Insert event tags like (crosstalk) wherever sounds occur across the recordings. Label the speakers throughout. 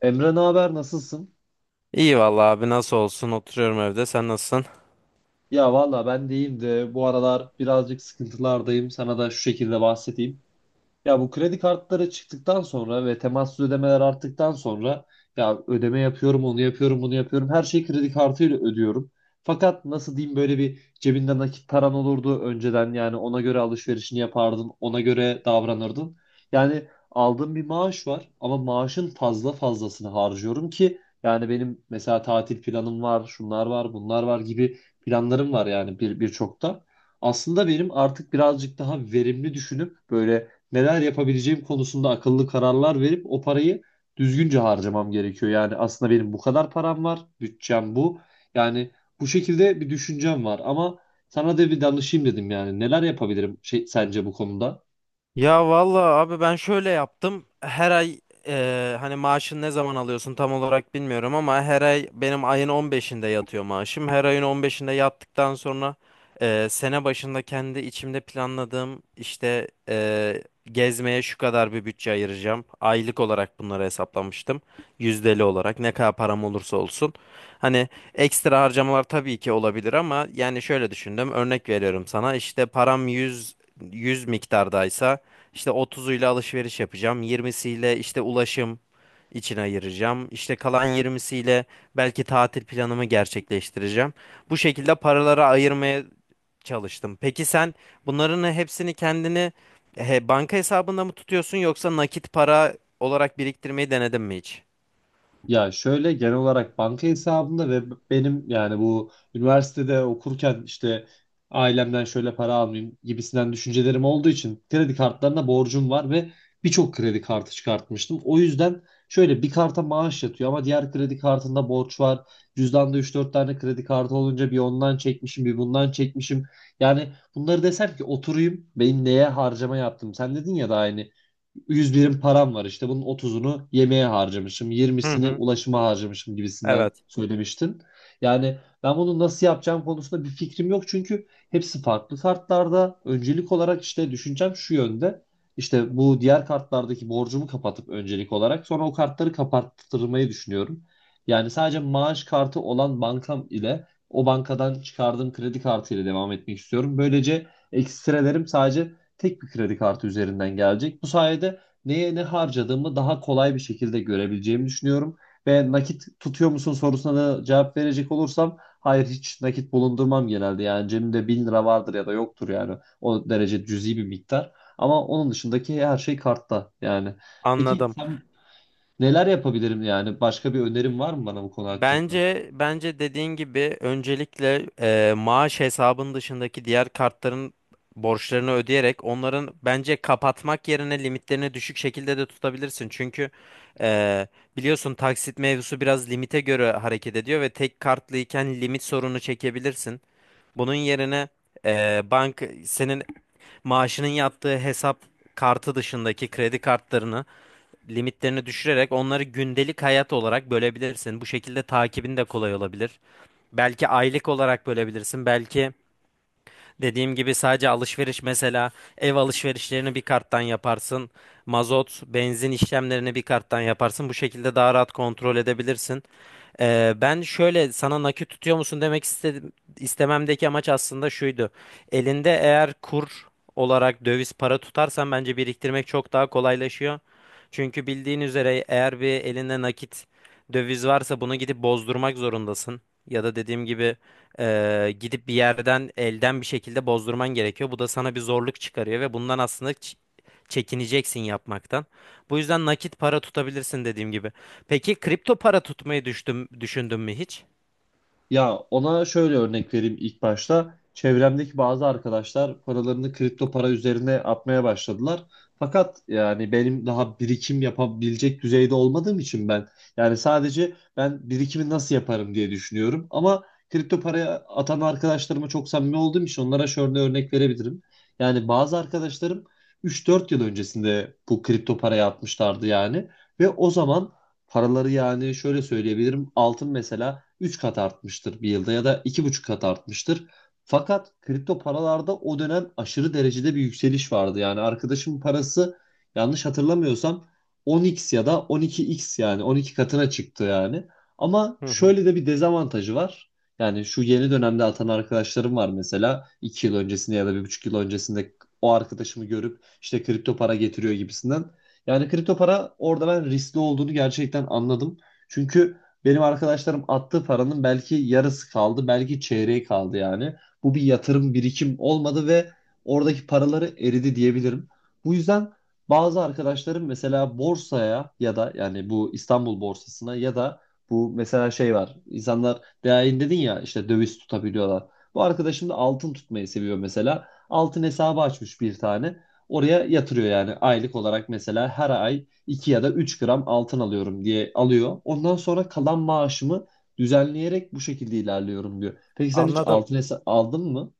Speaker 1: Emre, ne haber, nasılsın?
Speaker 2: İyi vallahi abi nasıl olsun oturuyorum evde sen nasılsın?
Speaker 1: Ya valla ben deyim de bu aralar birazcık sıkıntılardayım. Sana da şu şekilde bahsedeyim. Ya bu kredi kartları çıktıktan sonra ve temassız ödemeler arttıktan sonra ya ödeme yapıyorum, onu yapıyorum, bunu yapıyorum. Her şeyi kredi kartıyla ödüyorum. Fakat nasıl diyeyim, böyle bir cebinde nakit paran olurdu önceden, yani ona göre alışverişini yapardın, ona göre davranırdın. Yani aldığım bir maaş var ama maaşın fazla fazlasını harcıyorum, ki yani benim mesela tatil planım var, şunlar var, bunlar var gibi planlarım var yani, birçok da. Aslında benim artık birazcık daha verimli düşünüp böyle neler yapabileceğim konusunda akıllı kararlar verip o parayı düzgünce harcamam gerekiyor. Yani aslında benim bu kadar param var, bütçem bu. Yani bu şekilde bir düşüncem var ama sana da bir danışayım dedim yani. Neler yapabilirim sence bu konuda?
Speaker 2: Ya vallahi abi ben şöyle yaptım. Her ay hani maaşını ne zaman alıyorsun tam olarak bilmiyorum ama her ay benim ayın 15'inde yatıyor maaşım. Her ayın 15'inde yattıktan sonra sene başında kendi içimde planladığım işte gezmeye şu kadar bir bütçe ayıracağım. Aylık olarak bunları hesaplamıştım. Yüzdeli olarak ne kadar param olursa olsun. Hani ekstra harcamalar tabii ki olabilir ama yani şöyle düşündüm. Örnek veriyorum sana işte param yüz miktardaysa işte 30'uyla alışveriş yapacağım. 20'siyle işte ulaşım için ayıracağım. İşte kalan 20'siyle belki tatil planımı gerçekleştireceğim. Bu şekilde paraları ayırmaya çalıştım. Peki sen bunların hepsini kendini he, banka hesabında mı tutuyorsun yoksa nakit para olarak biriktirmeyi denedin mi hiç?
Speaker 1: Ya şöyle genel olarak banka hesabımda ve benim, yani bu üniversitede okurken işte ailemden şöyle para almayayım gibisinden düşüncelerim olduğu için kredi kartlarına borcum var ve birçok kredi kartı çıkartmıştım. O yüzden şöyle bir karta maaş yatıyor ama diğer kredi kartında borç var. Cüzdanda üç dört tane kredi kartı olunca bir ondan çekmişim, bir bundan çekmişim. Yani bunları desem ki, oturayım benim neye harcama yaptım. Sen dedin ya, da aynı, 100 birim param var işte, bunun 30'unu yemeğe harcamışım,
Speaker 2: Hı
Speaker 1: 20'sini
Speaker 2: hı.
Speaker 1: ulaşıma harcamışım gibisinden
Speaker 2: Evet.
Speaker 1: söylemiştin. Yani ben bunu nasıl yapacağım konusunda bir fikrim yok çünkü hepsi farklı kartlarda. Öncelik olarak işte düşüncem şu yönde. İşte bu diğer kartlardaki borcumu kapatıp öncelik olarak sonra o kartları kapattırmayı düşünüyorum. Yani sadece maaş kartı olan bankam ile o bankadan çıkardığım kredi kartı ile devam etmek istiyorum. Böylece ekstrelerim sadece tek bir kredi kartı üzerinden gelecek. Bu sayede neye ne harcadığımı daha kolay bir şekilde görebileceğimi düşünüyorum. Ve nakit tutuyor musun sorusuna da cevap verecek olursam, hayır, hiç nakit bulundurmam genelde. Yani cebimde 1.000 lira vardır ya da yoktur, yani o derece cüzi bir miktar. Ama onun dışındaki her şey kartta yani. Peki
Speaker 2: Anladım.
Speaker 1: sen, neler yapabilirim yani, başka bir önerin var mı bana bu konu hakkında?
Speaker 2: Bence dediğin gibi öncelikle maaş hesabın dışındaki diğer kartların borçlarını ödeyerek onların bence kapatmak yerine limitlerini düşük şekilde de tutabilirsin. Çünkü e, biliyorsun taksit mevzusu biraz limite göre hareket ediyor ve tek kartlıyken limit sorunu çekebilirsin. Bunun yerine bank senin maaşının yattığı hesap kartı dışındaki kredi kartlarını limitlerini düşürerek onları gündelik hayat olarak bölebilirsin. Bu şekilde takibin de kolay olabilir. Belki aylık olarak bölebilirsin. Belki dediğim gibi sadece alışveriş mesela ev alışverişlerini bir karttan yaparsın. Mazot, benzin işlemlerini bir karttan yaparsın. Bu şekilde daha rahat kontrol edebilirsin. Ben şöyle sana nakit tutuyor musun demek istedim, istememdeki amaç aslında şuydu. Elinde eğer kur olarak döviz para tutarsan bence biriktirmek çok daha kolaylaşıyor. Çünkü bildiğin üzere eğer bir elinde nakit döviz varsa bunu gidip bozdurmak zorundasın. Ya da dediğim gibi gidip bir yerden elden bir şekilde bozdurman gerekiyor. Bu da sana bir zorluk çıkarıyor ve bundan aslında çekineceksin yapmaktan. Bu yüzden nakit para tutabilirsin dediğim gibi. Peki kripto para tutmayı düşündün mü hiç?
Speaker 1: Ya ona şöyle örnek vereyim ilk başta. Çevremdeki bazı arkadaşlar paralarını kripto para üzerine atmaya başladılar. Fakat yani benim daha birikim yapabilecek düzeyde olmadığım için ben, yani sadece ben birikimi nasıl yaparım diye düşünüyorum. Ama kripto paraya atan arkadaşlarıma çok samimi olduğum için onlara şöyle örnek verebilirim. Yani bazı arkadaşlarım üç dört yıl öncesinde bu kripto paraya atmışlardı yani, ve o zaman paraları, yani şöyle söyleyebilirim, altın mesela 3 kat artmıştır bir yılda ya da 2,5 kat artmıştır. Fakat kripto paralarda o dönem aşırı derecede bir yükseliş vardı. Yani arkadaşımın parası, yanlış hatırlamıyorsam, 10x ya da 12x, yani 12 katına çıktı yani. Ama
Speaker 2: Hı hı.
Speaker 1: şöyle de bir dezavantajı var. Yani şu yeni dönemde atan arkadaşlarım var mesela, 2 yıl öncesinde ya da 1,5 yıl öncesinde o arkadaşımı görüp işte kripto para getiriyor gibisinden. Yani kripto para orada ben riskli olduğunu gerçekten anladım. Çünkü benim arkadaşlarım attığı paranın belki yarısı kaldı, belki çeyreği kaldı yani. Bu bir yatırım, birikim olmadı ve oradaki paraları eridi diyebilirim. Bu yüzden bazı arkadaşlarım mesela borsaya ya da yani bu İstanbul borsasına ya da bu mesela şey var, İnsanlar değerini dedin ya, işte döviz tutabiliyorlar. Bu arkadaşım da altın tutmayı seviyor mesela. Altın hesabı açmış bir tane. Oraya yatırıyor yani, aylık olarak mesela her ay 2 ya da 3 gram altın alıyorum diye alıyor. Ondan sonra kalan maaşımı düzenleyerek bu şekilde ilerliyorum diyor. Peki sen hiç
Speaker 2: Anladım.
Speaker 1: altın aldın mı?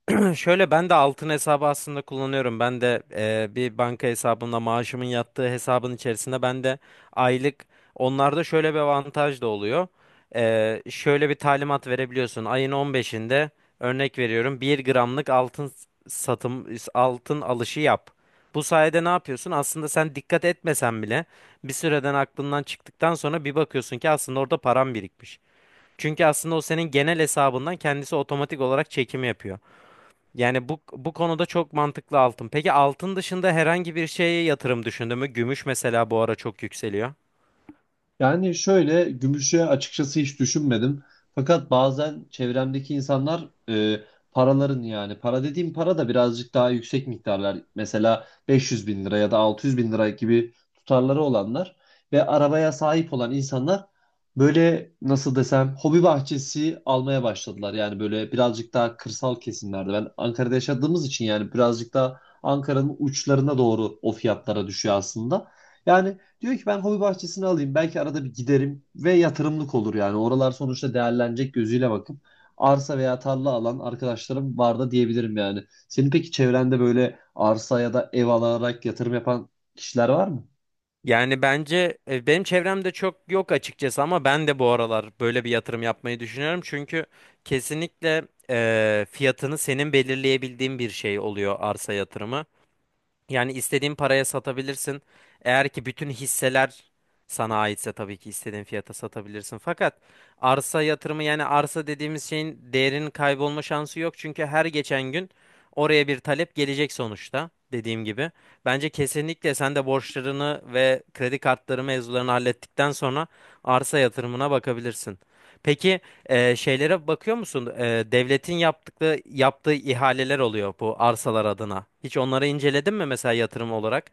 Speaker 2: (clears throat) Şöyle ben de altın hesabı aslında kullanıyorum. Ben de bir banka hesabımla maaşımın yattığı hesabın içerisinde ben de aylık onlarda şöyle bir avantaj da oluyor. Şöyle bir talimat verebiliyorsun. Ayın 15'inde örnek veriyorum bir gramlık altın satım altın alışı yap. Bu sayede ne yapıyorsun? Aslında sen dikkat etmesen bile bir süreden aklından çıktıktan sonra bir bakıyorsun ki aslında orada param birikmiş. Çünkü aslında o senin genel hesabından kendisi otomatik olarak çekimi yapıyor. Yani bu konuda çok mantıklı altın. Peki altın dışında herhangi bir şeye yatırım düşündün mü? Gümüş mesela bu ara çok yükseliyor.
Speaker 1: Yani şöyle, gümüşe açıkçası hiç düşünmedim. Fakat bazen çevremdeki insanlar, paraların, yani para dediğim para da birazcık daha yüksek miktarlar. Mesela 500 bin lira ya da 600 bin lira gibi tutarları olanlar ve arabaya sahip olan insanlar, böyle nasıl desem, hobi bahçesi almaya başladılar. Yani böyle birazcık daha kırsal kesimlerde. Ben Ankara'da yaşadığımız için yani, birazcık daha Ankara'nın uçlarına doğru o fiyatlara düşüyor aslında. Yani diyor ki, ben hobi bahçesini alayım, belki arada bir giderim ve yatırımlık olur yani. Oralar sonuçta değerlenecek gözüyle bakıp arsa veya tarla alan arkadaşlarım var da diyebilirim yani. Senin peki çevrende böyle arsa ya da ev alarak yatırım yapan kişiler var mı?
Speaker 2: Yani bence benim çevremde çok yok açıkçası ama ben de bu aralar böyle bir yatırım yapmayı düşünüyorum. Çünkü kesinlikle fiyatını senin belirleyebildiğin bir şey oluyor arsa yatırımı. Yani istediğin paraya satabilirsin. Eğer ki bütün hisseler sana aitse tabii ki istediğin fiyata satabilirsin. Fakat arsa yatırımı yani arsa dediğimiz şeyin değerinin kaybolma şansı yok. Çünkü her geçen gün oraya bir talep gelecek sonuçta dediğim gibi. Bence kesinlikle sen de borçlarını ve kredi kartları mevzularını hallettikten sonra arsa yatırımına bakabilirsin. Peki şeylere bakıyor musun? Devletin yaptığı ihaleler oluyor bu arsalar adına. Hiç onları inceledin mi mesela yatırım olarak?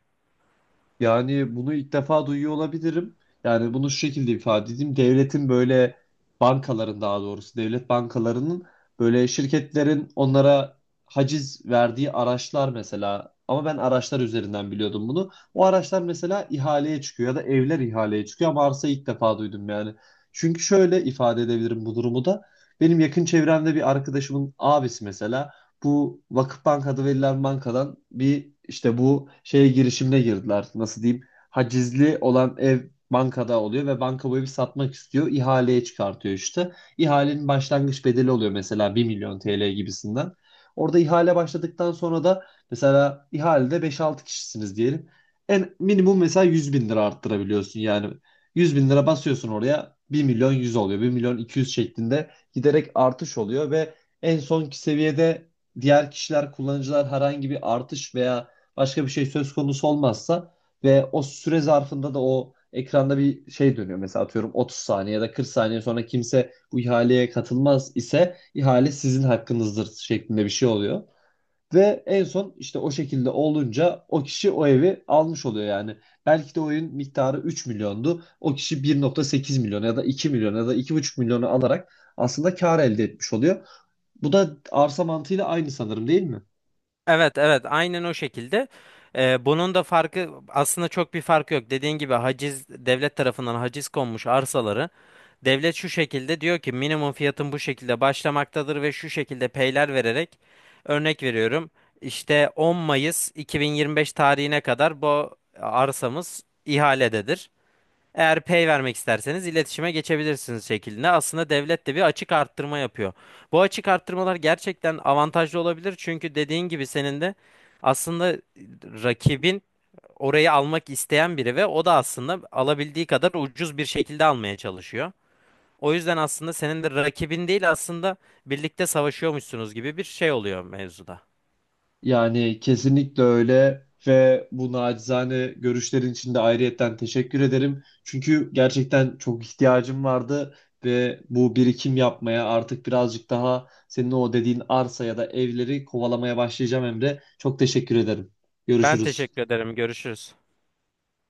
Speaker 1: Yani bunu ilk defa duyuyor olabilirim. Yani bunu şu şekilde ifade edeyim. Devletin böyle, bankaların daha doğrusu, devlet bankalarının, böyle şirketlerin onlara haciz verdiği araçlar mesela. Ama ben araçlar üzerinden biliyordum bunu. O araçlar mesela ihaleye çıkıyor ya da evler ihaleye çıkıyor ama arsa, ilk defa duydum yani. Çünkü şöyle ifade edebilirim bu durumu da: benim yakın çevremde bir arkadaşımın abisi mesela, bu Vakıfbank adı verilen bankadan, bir işte bu şeye, girişimine girdiler. Nasıl diyeyim? Hacizli olan ev bankada oluyor ve banka bu evi satmak istiyor. İhaleye çıkartıyor işte. İhalenin başlangıç bedeli oluyor mesela bir milyon TL gibisinden. Orada ihale başladıktan sonra da, mesela ihalede beş altı kişisiniz diyelim. En minimum mesela 100.000 lira arttırabiliyorsun yani. 100.000 lira basıyorsun oraya, 1.100.000 oluyor. 1.200.000 şeklinde giderek artış oluyor ve en sonki seviyede diğer kişiler, kullanıcılar herhangi bir artış veya başka bir şey söz konusu olmazsa, ve o süre zarfında da o ekranda bir şey dönüyor; mesela atıyorum 30 saniye ya da 40 saniye sonra kimse bu ihaleye katılmaz ise ihale sizin hakkınızdır şeklinde bir şey oluyor. Ve en son işte o şekilde olunca o kişi o evi almış oluyor yani. Belki de oyun miktarı 3 milyondu. O kişi 1,8 milyon ya da 2 milyon ya da 2,5 milyonu alarak aslında kar elde etmiş oluyor. Bu da arsa mantığıyla aynı, sanırım, değil mi?
Speaker 2: Evet evet, aynen o şekilde. Bunun da farkı aslında çok bir farkı yok. Dediğin gibi haciz devlet tarafından haciz konmuş arsaları devlet şu şekilde diyor ki minimum fiyatın bu şekilde başlamaktadır ve şu şekilde peyler vererek örnek veriyorum. İşte 10 Mayıs 2025 tarihine kadar bu arsamız ihalededir. Eğer pay vermek isterseniz iletişime geçebilirsiniz şeklinde. Aslında devlet de bir açık arttırma yapıyor. Bu açık arttırmalar gerçekten avantajlı olabilir. Çünkü dediğin gibi senin de aslında rakibin orayı almak isteyen biri ve o da aslında alabildiği kadar ucuz bir şekilde almaya çalışıyor. O yüzden aslında senin de rakibin değil aslında birlikte savaşıyormuşsunuz gibi bir şey oluyor mevzuda.
Speaker 1: Yani kesinlikle öyle, ve bu nacizane görüşlerin için de ayrıyetten teşekkür ederim. Çünkü gerçekten çok ihtiyacım vardı ve bu birikim yapmaya, artık birazcık daha senin o dediğin arsa ya da evleri kovalamaya başlayacağım Emre. Çok teşekkür ederim.
Speaker 2: Ben
Speaker 1: Görüşürüz.
Speaker 2: teşekkür ederim. Görüşürüz.